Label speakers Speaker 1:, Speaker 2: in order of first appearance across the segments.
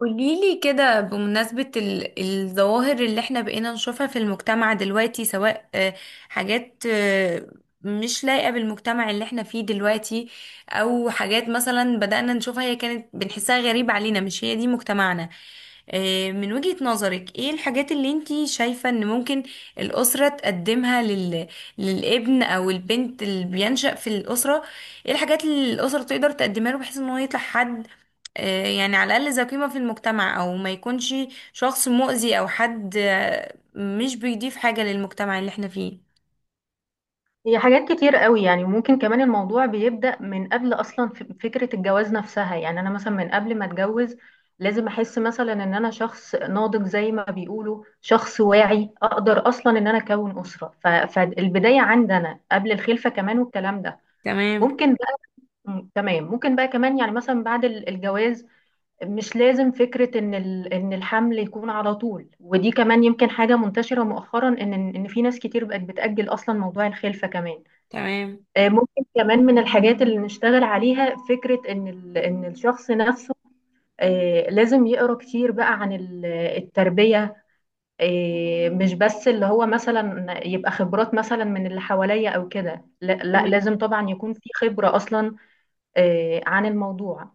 Speaker 1: قوليلي كده بمناسبة الظواهر اللي احنا بقينا نشوفها في المجتمع دلوقتي سواء حاجات مش لايقة بالمجتمع اللي احنا فيه دلوقتي، او حاجات مثلا بدأنا نشوفها هي كانت بنحسها غريبة علينا، مش هي دي مجتمعنا. من وجهة نظرك ايه الحاجات اللي انتي شايفة ان ممكن الأسرة تقدمها للابن او البنت اللي بينشأ في الأسرة؟ ايه الحاجات اللي الأسرة تقدر تقدمها له بحيث ان هو يطلع حد يعني على الأقل ذو قيمة في المجتمع، أو ما يكونش شخص مؤذي أو حد مش بيضيف حاجة للمجتمع اللي احنا فيه.
Speaker 2: هي حاجات كتير قوي. يعني ممكن كمان الموضوع بيبدأ من قبل أصلا، فكرة الجواز نفسها. يعني أنا مثلا من قبل ما أتجوز لازم أحس مثلا إن أنا شخص ناضج زي ما بيقولوا، شخص واعي أقدر أصلا إن أنا أكون أسرة، فالبداية عندي أنا قبل الخلفة كمان والكلام ده.
Speaker 1: تمام.
Speaker 2: ممكن بقى تمام، ممكن بقى كمان يعني مثلا بعد الجواز مش لازم فكرة إن إن الحمل يكون على طول. ودي كمان يمكن حاجة منتشرة مؤخرا، إن في ناس كتير بقت بتأجل أصلا موضوع الخلفة كمان.
Speaker 1: تمام.
Speaker 2: ممكن كمان من الحاجات اللي نشتغل عليها فكرة إن إن الشخص نفسه لازم يقرأ كتير بقى عن التربية. مش بس اللي هو مثلا يبقى خبرات مثلا من اللي حواليا أو كده. لا لا،
Speaker 1: تمام.
Speaker 2: لازم طبعا يكون في خبرة أصلا عن الموضوع.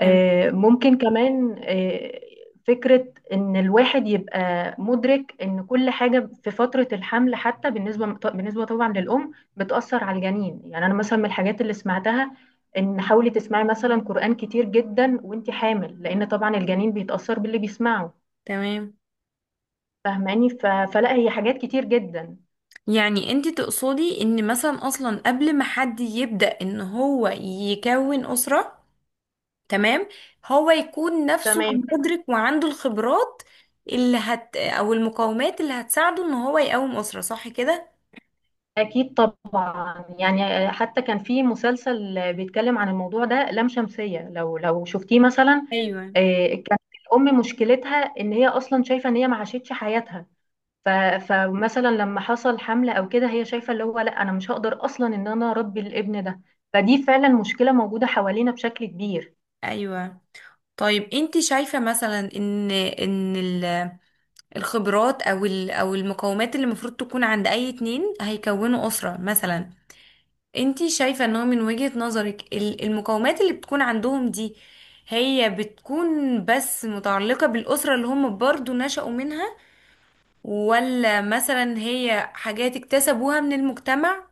Speaker 1: تمام.
Speaker 2: ممكن كمان آه، فكرة إن الواحد يبقى مدرك إن كل حاجة في فترة الحمل حتى بالنسبة طبعا للأم بتأثر على الجنين. يعني أنا مثلا من الحاجات اللي سمعتها إن حاولي تسمعي مثلا قرآن كتير جدا وإنتي حامل، لأن طبعا الجنين بيتأثر باللي بيسمعه،
Speaker 1: تمام.
Speaker 2: فاهماني؟ فلا هي حاجات كتير جدا.
Speaker 1: يعني انت تقصدي ان مثلا اصلا قبل ما حد يبدأ ان هو يكون أسرة، تمام، هو يكون نفسه
Speaker 2: تمام.
Speaker 1: مدرك وعنده الخبرات اللي هت او المقومات اللي هتساعده ان هو يقوم أسرة، صح كده؟
Speaker 2: أكيد طبعا. يعني حتى كان في مسلسل بيتكلم عن الموضوع ده، لام شمسية، لو شفتيه مثلا.
Speaker 1: ايوه.
Speaker 2: كانت الأم مشكلتها إن هي أصلا شايفة إن هي ما عاشتش حياتها. ف- فمثلا لما حصل حملة أو كده هي شايفة اللي هو لا، أنا مش هقدر أصلا إن أنا أربي الابن ده. فدي فعلا مشكلة موجودة حوالينا بشكل كبير.
Speaker 1: ايوه. طيب انت شايفة مثلا ان الخبرات او المقومات اللي المفروض تكون عند اي اتنين هيكونوا اسرة مثلا، انت شايفة ان هو من وجهة نظرك المقومات اللي بتكون عندهم دي هي بتكون بس متعلقة بالأسرة اللي هم برضو نشأوا منها، ولا مثلا هي حاجات اكتسبوها من المجتمع،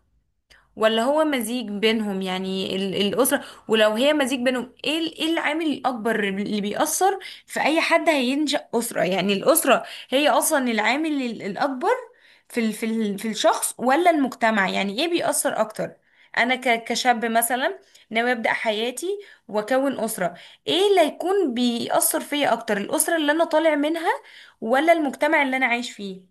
Speaker 1: ولا هو مزيج بينهم؟ يعني الأسرة، ولو هي مزيج بينهم، ايه ايه العامل الأكبر اللي بيأثر في أي حد هينشأ أسرة؟ يعني الأسرة هي أصلا العامل الأكبر في ال في ال في الشخص ولا المجتمع؟ يعني ايه بيأثر أكتر؟ أنا كشاب مثلا ناوي أبدأ حياتي وأكون أسرة، ايه اللي هيكون بيأثر فيا أكتر، الأسرة اللي أنا طالع منها ولا المجتمع اللي أنا عايش فيه؟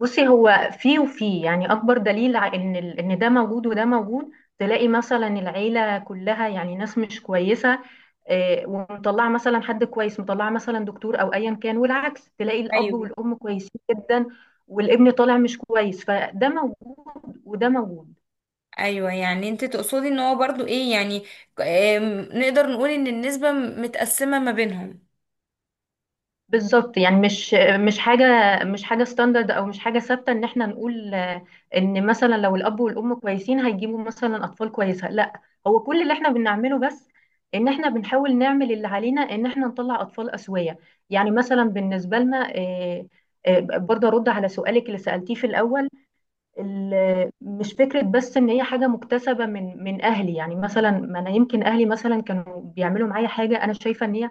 Speaker 2: بصي، هو في وفي، يعني أكبر دليل إن إن ده موجود وده موجود. تلاقي مثلا العيلة كلها يعني ناس مش كويسة ومطلعه مثلا حد كويس، مطلعه مثلا دكتور او ايا كان. والعكس، تلاقي الاب
Speaker 1: ايوه.
Speaker 2: والام كويسين جدا والابن طالع مش كويس، فده موجود وده موجود.
Speaker 1: ايوه، يعني انت تقصدي ان هو برضو ايه، يعني نقدر نقول ان النسبة متقسمة ما بينهم.
Speaker 2: بالظبط. يعني مش حاجه مش حاجه ستاندرد او مش حاجه ثابته ان احنا نقول ان مثلا لو الاب والام كويسين هيجيبوا مثلا اطفال كويسه، لا. هو كل اللي احنا بنعمله بس ان احنا بنحاول نعمل اللي علينا، ان احنا نطلع اطفال اسويه. يعني مثلا بالنسبه لنا برضه ارد على سؤالك اللي سالتيه في الاول. مش فكرة بس ان هي حاجة مكتسبة من اهلي. يعني مثلا ما انا يمكن اهلي مثلا كانوا بيعملوا معايا حاجة انا شايفة ان هي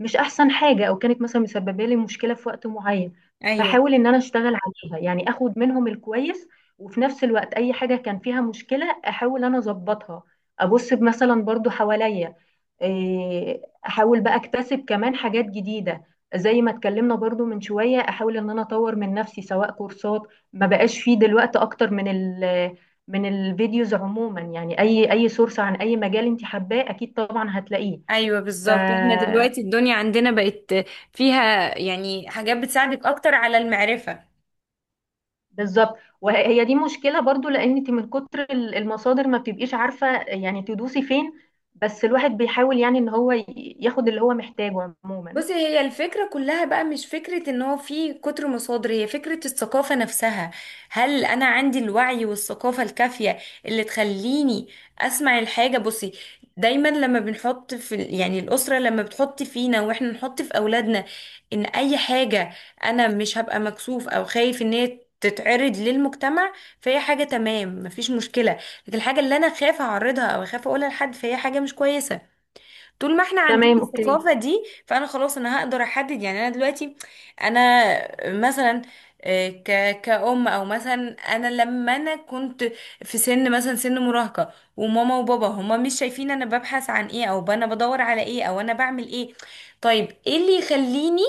Speaker 2: مش احسن حاجه، او كانت مثلا مسببه لي مشكله في وقت معين،
Speaker 1: ايوه.
Speaker 2: بحاول ان انا اشتغل عليها. يعني اخد منهم الكويس، وفي نفس الوقت اي حاجه كان فيها مشكله احاول انا اظبطها. ابص مثلا برضو حواليا، إيه، احاول بقى اكتسب كمان حاجات جديده. زي ما اتكلمنا برضو من شويه، احاول ان انا اطور من نفسي سواء كورسات. ما بقاش فيه دلوقتي اكتر من من الفيديوز عموما. يعني اي اي سورس عن اي مجال انت حباه اكيد طبعا هتلاقيه.
Speaker 1: ايوه،
Speaker 2: ف
Speaker 1: بالظبط، احنا دلوقتي الدنيا عندنا بقت فيها يعني حاجات بتساعدك اكتر على المعرفة.
Speaker 2: بالظبط. وهي دي مشكلة برضو، لأن انت من كتر المصادر ما بتبقيش عارفة يعني تدوسي فين. بس الواحد بيحاول، يعني ان هو ياخد اللي هو محتاجه عموما.
Speaker 1: بصي، هي الفكرة كلها بقى مش فكرة ان هو في كتر مصادر، هي فكرة الثقافة نفسها. هل انا عندي الوعي والثقافة الكافية اللي تخليني اسمع الحاجة؟ بصي، دايما لما بنحط في يعني الأسرة لما بتحط فينا واحنا نحط في أولادنا ان اي حاجة انا مش هبقى مكسوف او خايف ان هي تتعرض للمجتمع، فهي حاجة تمام مفيش مشكلة. لكن الحاجة اللي انا خايفة اعرضها او خايفة اقولها لحد، فهي حاجة مش كويسة. طول ما احنا عندنا
Speaker 2: تمام. اوكي.
Speaker 1: الثقافة دي، فانا خلاص انا هقدر احدد. يعني انا دلوقتي انا مثلا كأم او مثلا انا لما انا كنت في سن مثلا سن مراهقة، وماما وبابا هما مش شايفين انا ببحث عن ايه او انا بدور على ايه او انا بعمل ايه، طيب ايه اللي يخليني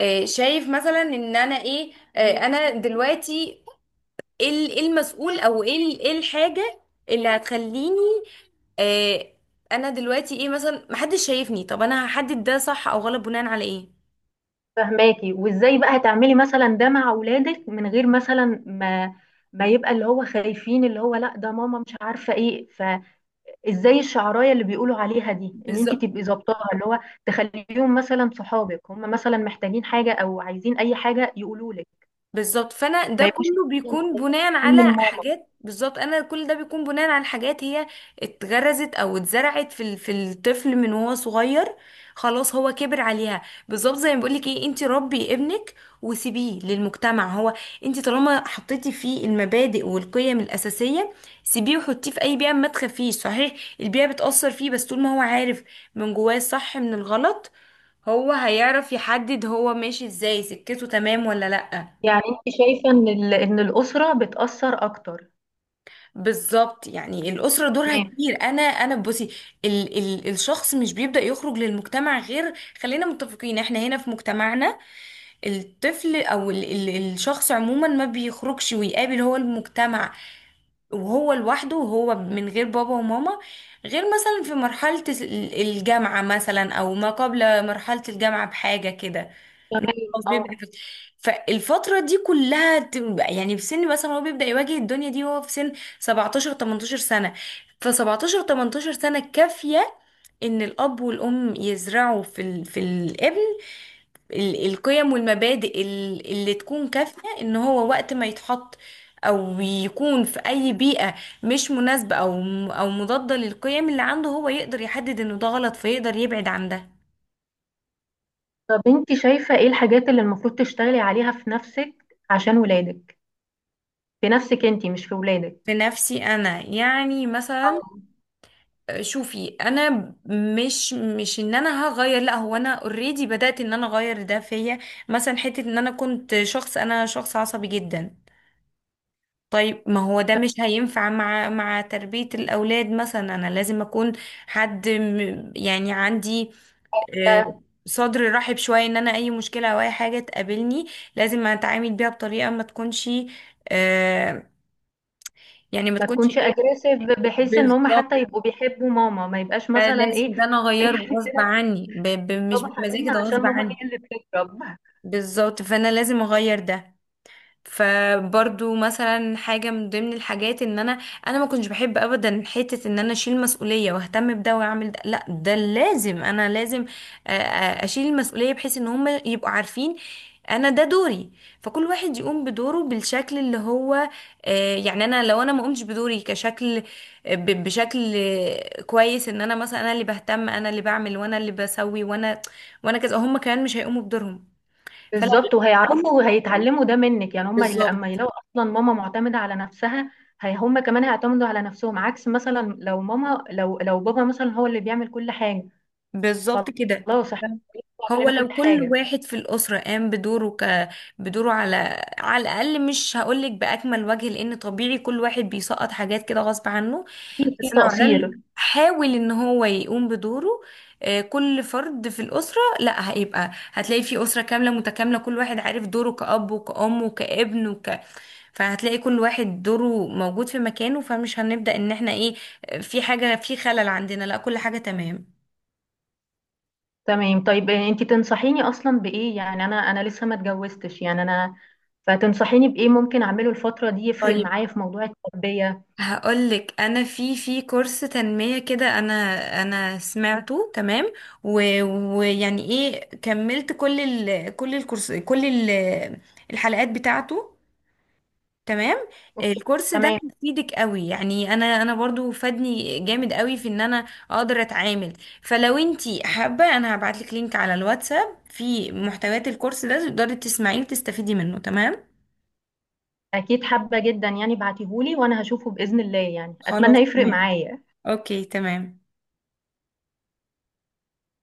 Speaker 1: شايف مثلا ان انا ايه؟ انا دلوقتي ايه إيه المسؤول او ايه إيه الحاجة اللي هتخليني آه انا دلوقتي ايه، مثلا محدش شايفني، طب انا هحدد ده صح او غلط بناء على ايه؟
Speaker 2: فهماكي؟ وازاي بقى هتعملي مثلا ده مع اولادك من غير مثلا ما ما يبقى اللي هو خايفين، اللي هو لا ده ماما مش عارفة ايه؟ فازاي الشعراية اللي بيقولوا عليها دي ان انت
Speaker 1: بالظبط.
Speaker 2: تبقي ظابطاها، اللي هو تخليهم مثلا صحابك، هم مثلا محتاجين حاجة او عايزين اي حاجة يقولوا لك،
Speaker 1: بالظبط، فانا ده
Speaker 2: ما يبقوش
Speaker 1: كله بيكون
Speaker 2: مستفيدين
Speaker 1: بناء على
Speaker 2: من ماما.
Speaker 1: حاجات. بالظبط، انا كل ده بيكون بناء على حاجات هي اتغرزت او اتزرعت في في الطفل من وهو صغير، خلاص هو كبر عليها. بالظبط، زي ما بقولك ايه، انت ربي ابنك وسيبيه للمجتمع. هو انت طالما حطيتي فيه المبادئ والقيم الاساسيه، سيبيه وحطيه في اي بيئه، ما تخافيش. صحيح البيئه بتاثر فيه، بس طول ما هو عارف من جواه الصح من الغلط، هو هيعرف يحدد هو ماشي ازاي، سكته تمام ولا لا.
Speaker 2: يعني انت شايفه ان ان الاسره بتاثر اكتر.
Speaker 1: بالظبط، يعني الأسرة دورها
Speaker 2: تمام.
Speaker 1: كبير. أنا بصي، ال ال الشخص مش بيبدأ يخرج للمجتمع غير، خلينا متفقين احنا هنا في مجتمعنا، الطفل أو ال ال الشخص عموما ما بيخرجش ويقابل هو المجتمع وهو لوحده وهو من غير بابا وماما غير مثلا في مرحلة الجامعة مثلا أو ما قبل مرحلة الجامعة بحاجة كده.
Speaker 2: تمام،
Speaker 1: خلاص،
Speaker 2: اه.
Speaker 1: فالفترة دي كلها يعني في سن مثلا هو بيبدأ يواجه الدنيا دي وهو في سن 17 18 سنة. ف 17 18 سنة كافية ان الاب والام يزرعوا في الابن القيم والمبادئ اللي تكون كافية ان هو وقت ما يتحط او يكون في اي بيئة مش مناسبة او او مضادة للقيم اللي عنده، هو يقدر يحدد انه ده غلط فيقدر يبعد عن ده.
Speaker 2: طب انت شايفه ايه الحاجات اللي المفروض تشتغلي عليها في نفسك عشان ولادك؟ في نفسك انت، مش في
Speaker 1: في
Speaker 2: ولادك.
Speaker 1: نفسي انا يعني
Speaker 2: اه.
Speaker 1: مثلا، شوفي انا مش ان انا هغير، لا هو انا اوريدي بدأت ان انا اغير ده فيا. مثلا حتة ان انا كنت شخص، انا شخص عصبي جدا، طيب ما هو ده مش هينفع مع تربية الاولاد، مثلا انا لازم اكون حد يعني عندي آه،
Speaker 2: لا-
Speaker 1: صدر رحب شوية ان انا اي مشكلة او اي حاجة تقابلني لازم اتعامل بيها بطريقة ما تكونش آه، يعني ما
Speaker 2: ما
Speaker 1: تكونش
Speaker 2: تكونش
Speaker 1: ايه.
Speaker 2: اجريسيف، بحيث ان هم
Speaker 1: بالظبط،
Speaker 2: حتى يبقوا بيحبوا ماما، ما يبقاش مثلا
Speaker 1: لازم
Speaker 2: ايه.
Speaker 1: ده انا اغيره غصب
Speaker 2: عندنا
Speaker 1: عني، مش
Speaker 2: بابا
Speaker 1: بمزاجي، ده
Speaker 2: حبيبنا عشان
Speaker 1: غصب
Speaker 2: ماما
Speaker 1: عني.
Speaker 2: هي اللي بتضرب.
Speaker 1: بالظبط، فانا لازم اغير ده. فبرضو مثلا حاجة من ضمن الحاجات ان انا ما كنتش بحب ابدا حتة ان انا اشيل مسؤولية واهتم بده واعمل ده، لا ده لازم، انا لازم اشيل المسؤولية بحيث ان هم يبقوا عارفين انا ده دوري، فكل واحد يقوم بدوره بالشكل اللي هو يعني. انا لو انا ما قمتش بدوري كشكل بشكل كويس ان انا مثلا انا اللي بهتم انا اللي بعمل وانا اللي بسوي وانا كذا، هم كمان مش هيقوموا بدورهم. فلا.
Speaker 2: بالظبط. وهيعرفوا وهيتعلموا ده منك. يعني هم لما
Speaker 1: بالظبط.
Speaker 2: يلاقوا اصلا ماما معتمده على نفسها، هي هم كمان هيعتمدوا على نفسهم. عكس مثلا لو ماما، لو بابا مثلا هو اللي بيعمل كل حاجه،
Speaker 1: بالظبط كده،
Speaker 2: خلاص احنا بيعمل
Speaker 1: هو
Speaker 2: لنا كل
Speaker 1: لو كل
Speaker 2: حاجه.
Speaker 1: واحد في الأسرة قام بدوره بدوره على على الأقل، مش هقولك بأكمل وجه لأن طبيعي كل واحد بيسقط حاجات كده غصب عنه،
Speaker 2: في في
Speaker 1: بس لو على الأقل
Speaker 2: تقصير.
Speaker 1: حاول إن هو يقوم بدوره كل فرد في الأسرة، لا هيبقى، هتلاقي في أسرة كاملة متكاملة كل واحد عارف دوره كأب وكأم وكابن وك، فهتلاقي كل واحد دوره موجود في مكانه، فمش هنبدأ إن احنا إيه في حاجة في خلل عندنا، لا كل حاجة تمام.
Speaker 2: تمام. طيب انت تنصحيني اصلا بايه؟ يعني انا انا لسه ما اتجوزتش، يعني انا فتنصحيني بايه ممكن اعمله الفتره دي يفرق
Speaker 1: طيب
Speaker 2: معايا في موضوع التربيه؟
Speaker 1: هقولك انا في في كورس تنمية كده، انا انا سمعته تمام و- ويعني ايه كملت كل ال كل الكورس كل ال الحلقات بتاعته. تمام.
Speaker 2: أوكي،
Speaker 1: الكورس ده
Speaker 2: تمام.
Speaker 1: هيفيدك قوي، يعني انا برضو فادني جامد قوي في ان انا اقدر اتعامل، فلو انتي حابة انا هبعتلك لينك على الواتساب في محتويات الكورس ده تقدري تسمعيه وتستفيدي منه. تمام.
Speaker 2: اكيد حابه جدا. يعني بعتيهولي وانا هشوفه باذن الله، يعني
Speaker 1: خلاص
Speaker 2: اتمنى يفرق
Speaker 1: تمام.
Speaker 2: معايا.
Speaker 1: اوكي تمام.